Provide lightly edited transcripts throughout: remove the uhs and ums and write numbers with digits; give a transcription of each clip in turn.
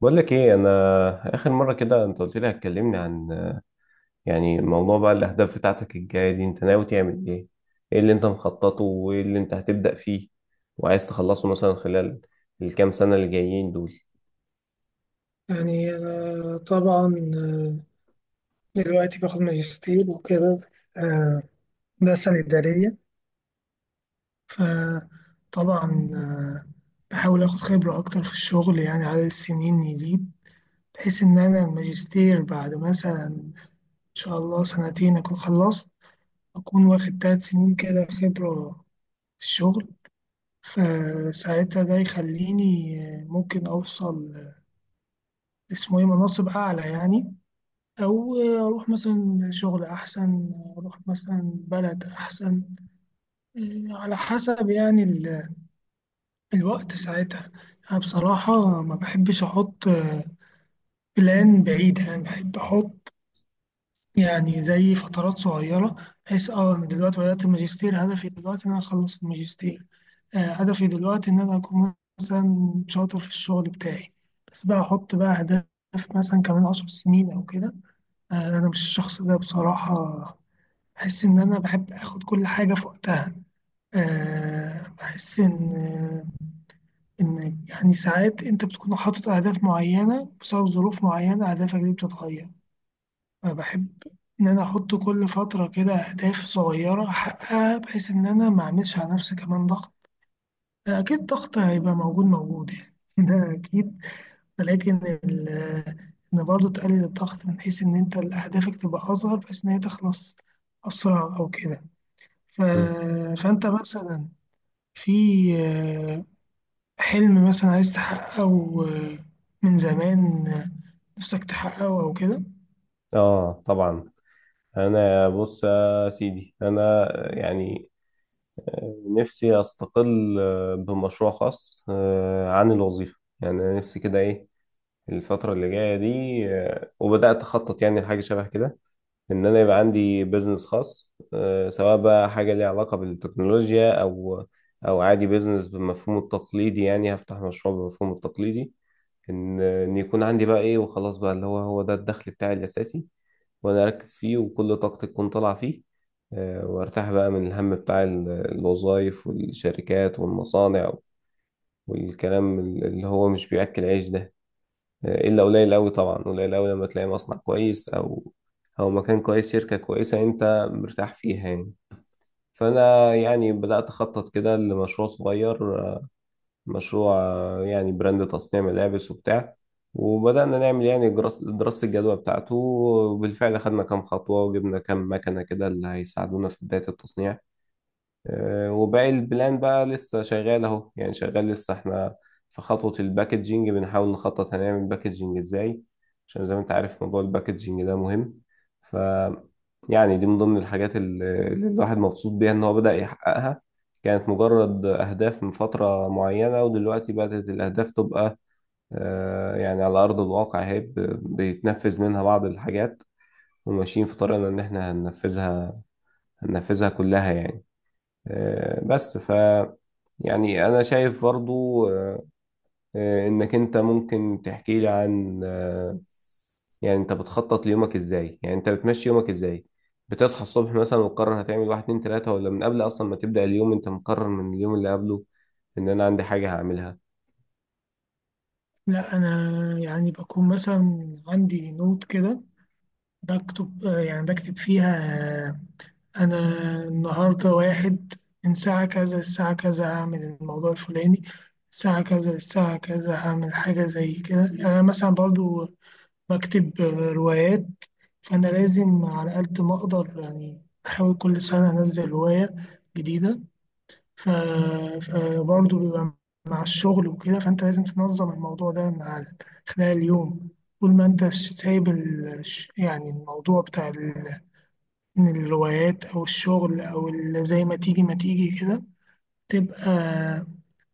بقول لك ايه، انا اخر مره كده انت قلت لي هتكلمني عن يعني موضوع، بقى الاهداف بتاعتك الجايه دي انت ناوي تعمل ايه؟ ايه اللي انت مخططه وايه اللي انت هتبدا فيه وعايز تخلصه مثلا خلال الكام سنه اللي جايين دول؟ أنا طبعا دلوقتي باخد ماجستير وكده. آه، ده سنة إدارية. فطبعا بحاول آخد خبرة أكتر في الشغل، يعني عدد السنين يزيد بحيث إن أنا الماجستير بعد مثلا إن شاء الله سنتين أكون خلصت، أكون واخد 3 سنين كده خبرة في الشغل. فساعتها ده يخليني ممكن أوصل اسمه إيه مناصب أعلى، يعني أو أروح مثلا شغل أحسن، أروح مثلا بلد أحسن، إيه، على حسب يعني الوقت ساعتها. أنا بصراحة ما بحبش أحط بلان بعيد، يعني بحب أحط يعني زي فترات صغيرة، بحيث أنا دلوقتي بدأت الماجستير، هدفي دلوقتي إن أنا أخلص الماجستير. هدفي دلوقتي إن أنا أكون مثلا شاطر في الشغل بتاعي. بس بقى أحط بقى أهداف، مثلا كمان 10 سنين أو كده. أنا مش الشخص ده بصراحة، بحس إن أنا بحب آخد كل حاجة في وقتها. بحس إن يعني ساعات أنت بتكون حاطط أهداف معينة بسبب ظروف معينة، أهدافك دي بتتغير. فبحب إن أنا أحط كل فترة كده أهداف صغيرة أحققها، بحيث إن أنا ما أعملش على نفسي كمان ضغط. أكيد ضغط هيبقى موجود موجود يعني ده أكيد. ولكن ال- إن برضه تقلل الضغط، من حيث إن أنت أهدافك تبقى أصغر بحيث إن هي تخلص أسرع أو كده. ف- مم. فأنت مثلا في آه، حلم مثلا عايز تحققه آه، من زمان، نفسك تحققه أو كده. اه، طبعا. انا بص يا سيدي، انا يعني نفسي استقل بمشروع خاص عن الوظيفه. يعني أنا نفسي كده ايه الفتره اللي جايه دي. وبدات اخطط يعني لحاجه شبه كده، ان انا يبقى عندي بيزنس خاص، سواء بقى حاجه ليها علاقه بالتكنولوجيا او او عادي بيزنس بالمفهوم التقليدي. يعني هفتح مشروع بالمفهوم التقليدي، ان يكون عندي بقى ايه وخلاص، بقى اللي هو ده الدخل بتاعي الاساسي، وانا اركز فيه وكل طاقتي تكون طالعه فيه. وارتاح بقى من الهم بتاع الوظايف والشركات والمصانع، والكلام اللي هو مش بياكل عيش ده، الا قليل قوي. طبعا قليل قوي لما تلاقي مصنع كويس او او مكان كويس، شركة كويسة انت مرتاح فيها يعني. فانا يعني بدأت اخطط كده لمشروع صغير، مشروع يعني براند تصنيع ملابس وبتاع. وبدأنا نعمل يعني دراسة الجدوى بتاعته، وبالفعل خدنا كام خطوة وجبنا كام مكنة كده اللي هيساعدونا في بداية التصنيع. وباقي البلان بقى لسه شغال اهو، يعني شغال لسه احنا في خطوة الباكجينج، بنحاول نخطط هنعمل باكجينج ازاي، عشان زي ما انت عارف موضوع الباكجينج ده مهم. ف يعني دي من ضمن الحاجات اللي الواحد مبسوط بيها، ان هو بدأ يحققها. كانت مجرد أهداف من فترة معينة، ودلوقتي بدأت الأهداف تبقى، يعني على أرض الواقع هي بيتنفذ منها بعض الحاجات، وماشيين في طريقنا إن إحنا هننفذها كلها يعني. بس يعني أنا شايف برضو، إنك أنت ممكن تحكي لي عن يعني أنت بتخطط ليومك إزاي؟ يعني أنت بتمشي يومك إزاي؟ بتصحى الصبح مثلا وتقرر هتعمل واحد اتنين تلاتة، ولا من قبل أصلا ما تبدأ اليوم أنت مقرر من اليوم اللي قبله إن أنا عندي حاجة هعملها؟ لا، أنا يعني بكون مثلا عندي نوت كده، بكتب يعني بكتب فيها آه، أنا النهاردة واحد، من ساعة كذا للساعة كذا هعمل الموضوع الفلاني، الساعة كذا للساعة كذا هعمل حاجة زي كده. يعني أنا مثلا برضو بكتب روايات، فأنا لازم على قد ما أقدر يعني بحاول كل سنة أنزل هواية جديدة. ف... فبرضه بيبقى مع الشغل وكده، فأنت لازم تنظم الموضوع ده مع خلال اليوم، طول ما أنت سايب يعني الموضوع بتاع من الروايات أو الشغل أو زي ما تيجي ما تيجي كده، تبقى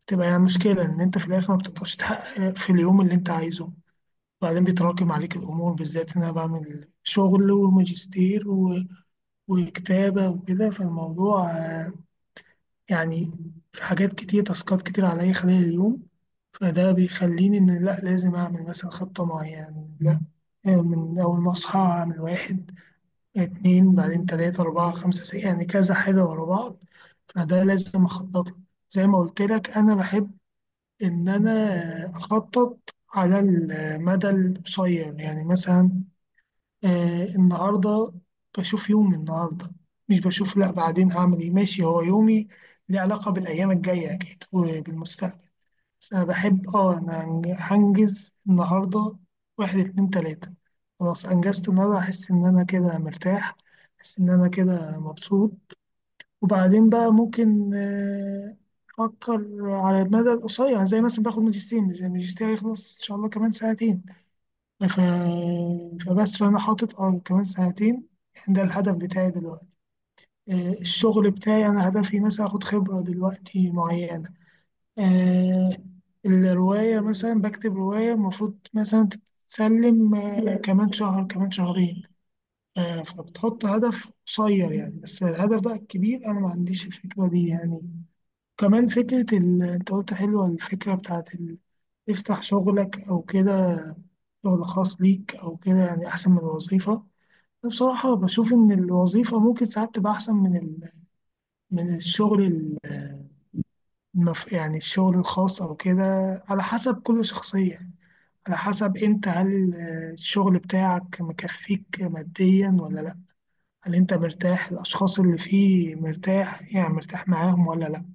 تبقى يعني مشكلة، إن أنت في الآخر ما بتقدرش تحقق في اليوم اللي أنت عايزه. بعدين بيتراكم عليك الأمور، بالذات إن أنا بعمل شغل وماجستير وكتابة وكده. فالموضوع يعني في حاجات كتير، تاسكات كتير عليا خلال اليوم. فده بيخليني إن لأ، لازم أعمل مثلا خطة معينة. لأ، من أول ما أصحى أعمل واحد، اتنين، بعدين تلاتة، أربعة، خمسة، ستة، يعني كذا حاجة ورا بعض، فده لازم أخطط له. زي ما قلت لك أنا بحب إن أنا أخطط على المدى القصير، يعني مثلا النهارده بشوف يومي النهارده، مش بشوف لا بعدين هعمل ايه، ماشي هو يومي ليه علاقة بالأيام الجاية أكيد وبالمستقبل، بس أنا بحب أنا هنجز النهارده واحد، اتنين، تلاتة، خلاص أنجزت النهارده أحس إن أنا كده مرتاح، أحس إن أنا كده مبسوط. وبعدين بقى ممكن أفكر على المدى القصير، زي مثلا باخد ماجستير، الماجستير هيخلص إن شاء الله كمان ساعتين. ف... فبس فأنا حاطط كمان سنتين، يعني ده الهدف بتاعي دلوقتي. الشغل بتاعي أنا هدفي مثلا أخد خبرة دلوقتي معينة. آه، الرواية مثلا بكتب رواية المفروض مثلا تتسلم كمان شهر، كمان شهرين. فبتحط هدف قصير، يعني بس الهدف بقى الكبير أنا ما عنديش الفكرة دي، يعني كمان فكرة أنت قلت حلوة، الفكرة بتاعت تفتح شغلك أو كده، شغل خاص ليك أو كده، يعني أحسن من الوظيفة. بصراحة بشوف إن الوظيفة ممكن ساعات تبقى أحسن من من الشغل يعني الشغل الخاص أو كده، على حسب كل شخصية، على حسب أنت هل الشغل بتاعك مكفيك ماديا ولا لأ، هل أنت مرتاح الأشخاص اللي فيه مرتاح، يعني مرتاح معاهم ولا لأ.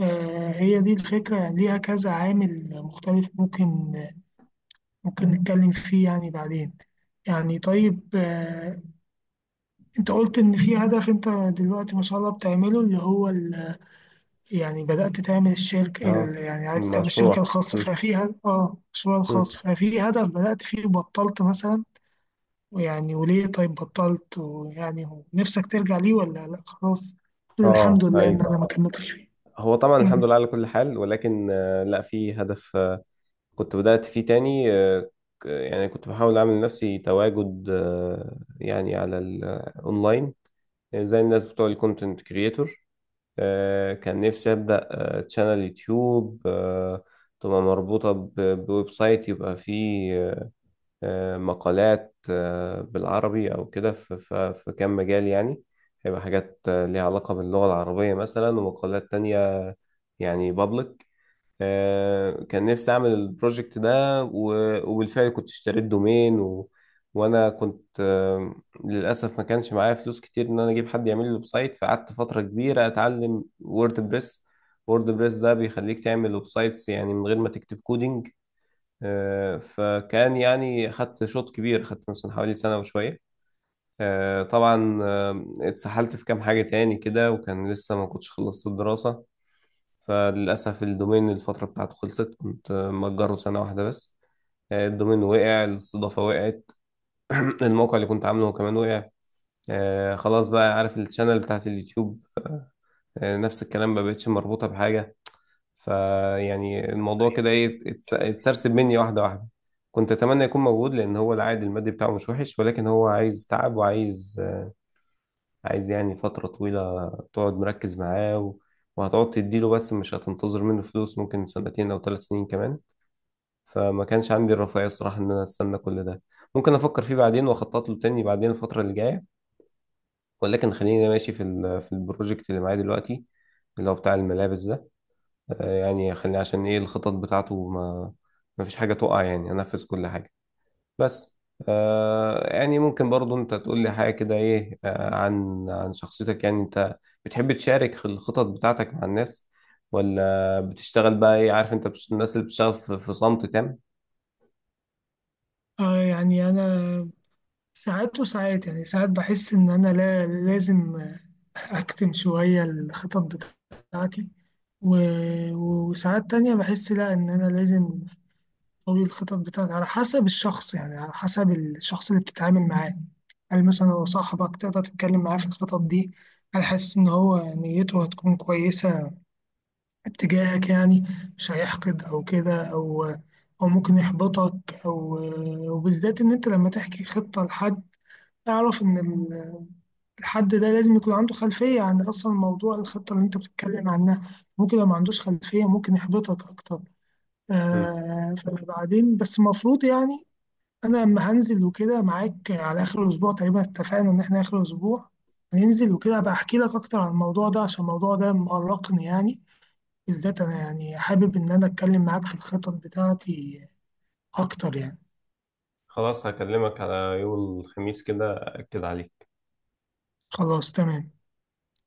هي دي الفكرة، يعني ليها كذا عامل مختلف، ممكن نتكلم فيه يعني بعدين. يعني طيب انت قلت ان في هدف انت دلوقتي ما شاء الله بتعمله، اللي هو يعني بدأت تعمل الشركة أه. يعني عايز تعمل الشركة مشروع الخاصة، م- ففي هدف المشروع م. الخاص، ففي هدف بدأت فيه وبطلت مثلا. ويعني وليه طيب بطلت، ويعني هو نفسك ترجع ليه ولا لا خلاص، تقول الحمد أه، لله ان أيوه. انا ما كملتش فيه. هو طبعا الحمد أمم. لله على كل حال، ولكن، لا، في هدف كنت بدأت فيه تاني. يعني كنت بحاول أعمل لنفسي تواجد، يعني على الأونلاين زي الناس بتوع الكونتنت كريتور. كان نفسي أبدأ تشانل يوتيوب، تبقى مربوطة بويب سايت، يبقى فيه مقالات بالعربي أو كده، في كام مجال يعني. هيبقى حاجات ليها علاقة باللغة العربية مثلا، ومقالات تانية يعني بابليك. كان نفسي اعمل البروجكت ده وبالفعل كنت اشتريت دومين وانا كنت، للاسف ما كانش معايا فلوس كتير ان انا اجيب حد يعمل لي ويب سايت، فقعدت فتره كبيره اتعلم ووردبريس. ووردبريس ده بيخليك تعمل ويب سايتس يعني من غير ما تكتب كودينج. فكان يعني خدت شوط كبير، خدت مثلا حوالي سنه وشويه. طبعا، اتسحلت في كام حاجه تاني كده، وكان لسه ما كنتش خلصت الدراسه. فللأسف الدومين الفترة بتاعته خلصت، كنت مأجره سنة واحدة بس. الدومين وقع، الاستضافة وقعت. الموقع اللي كنت عامله كمان وقع. خلاص بقى عارف الشانل بتاعت اليوتيوب، نفس الكلام ما بقتش مربوطة بحاجة. فيعني الموضوع كده ايه اتسرسب مني واحدة واحدة. كنت أتمنى يكون موجود، لأن هو العائد المادي بتاعه مش وحش، ولكن هو عايز تعب وعايز، عايز يعني فترة طويلة تقعد مركز معاه، و... وهتقعد تديله بس مش هتنتظر منه فلوس ممكن سنتين أو ثلاث سنين كمان. فما كانش عندي الرفاهية الصراحة إن أنا أستنى كل ده. ممكن أفكر فيه بعدين وأخطط له تاني بعدين الفترة اللي جاية. ولكن خليني ماشي في البروجكت اللي معايا دلوقتي، اللي هو بتاع الملابس ده. يعني خليني عشان إيه الخطط بتاعته ما فيش حاجة تقع يعني، أنفذ كل حاجة بس. يعني ممكن برضو انت تقول لي حاجة كده ايه، عن شخصيتك. يعني انت بتحب تشارك في الخطط بتاعتك مع الناس، ولا بتشتغل بقى ايه، عارف؟ انت الناس اللي بتشتغل في صمت تام. يعني انا ساعات وساعات، يعني ساعات بحس ان انا لا لازم أكتم شوية الخطط بتاعتي. و- وساعات تانية بحس لأ إن أنا لازم أقوي الخطط بتاعتي على حسب الشخص، يعني على حسب الشخص اللي بتتعامل معاه، هل مثلا هو صاحبك تقدر تتكلم معاه في الخطط دي، هل حاسس إن هو نيته هتكون كويسة اتجاهك، يعني مش هيحقد أو كده، أو ممكن يحبطك، أو وبالذات إن أنت لما تحكي خطة لحد، أعرف إن الحد ده لازم يكون عنده خلفية عن أصلا موضوع الخطة اللي أنت بتتكلم عنها، ممكن لو ما عندوش خلفية ممكن يحبطك أكتر. مم. فبعدين بس المفروض يعني أنا لما هنزل وكده معاك على آخر الأسبوع، تقريبا اتفقنا إن إحنا آخر الأسبوع هننزل وكده، أبقى أحكي لك أكتر عن الموضوع ده، عشان الموضوع ده مقلقني يعني. بالذات أنا يعني حابب إن أنا أتكلم معاك في الخطط بتاعتي أكتر يعني. خلاص، هكلمك على يوم الخميس كده، أكد عليك. خلاص تمام.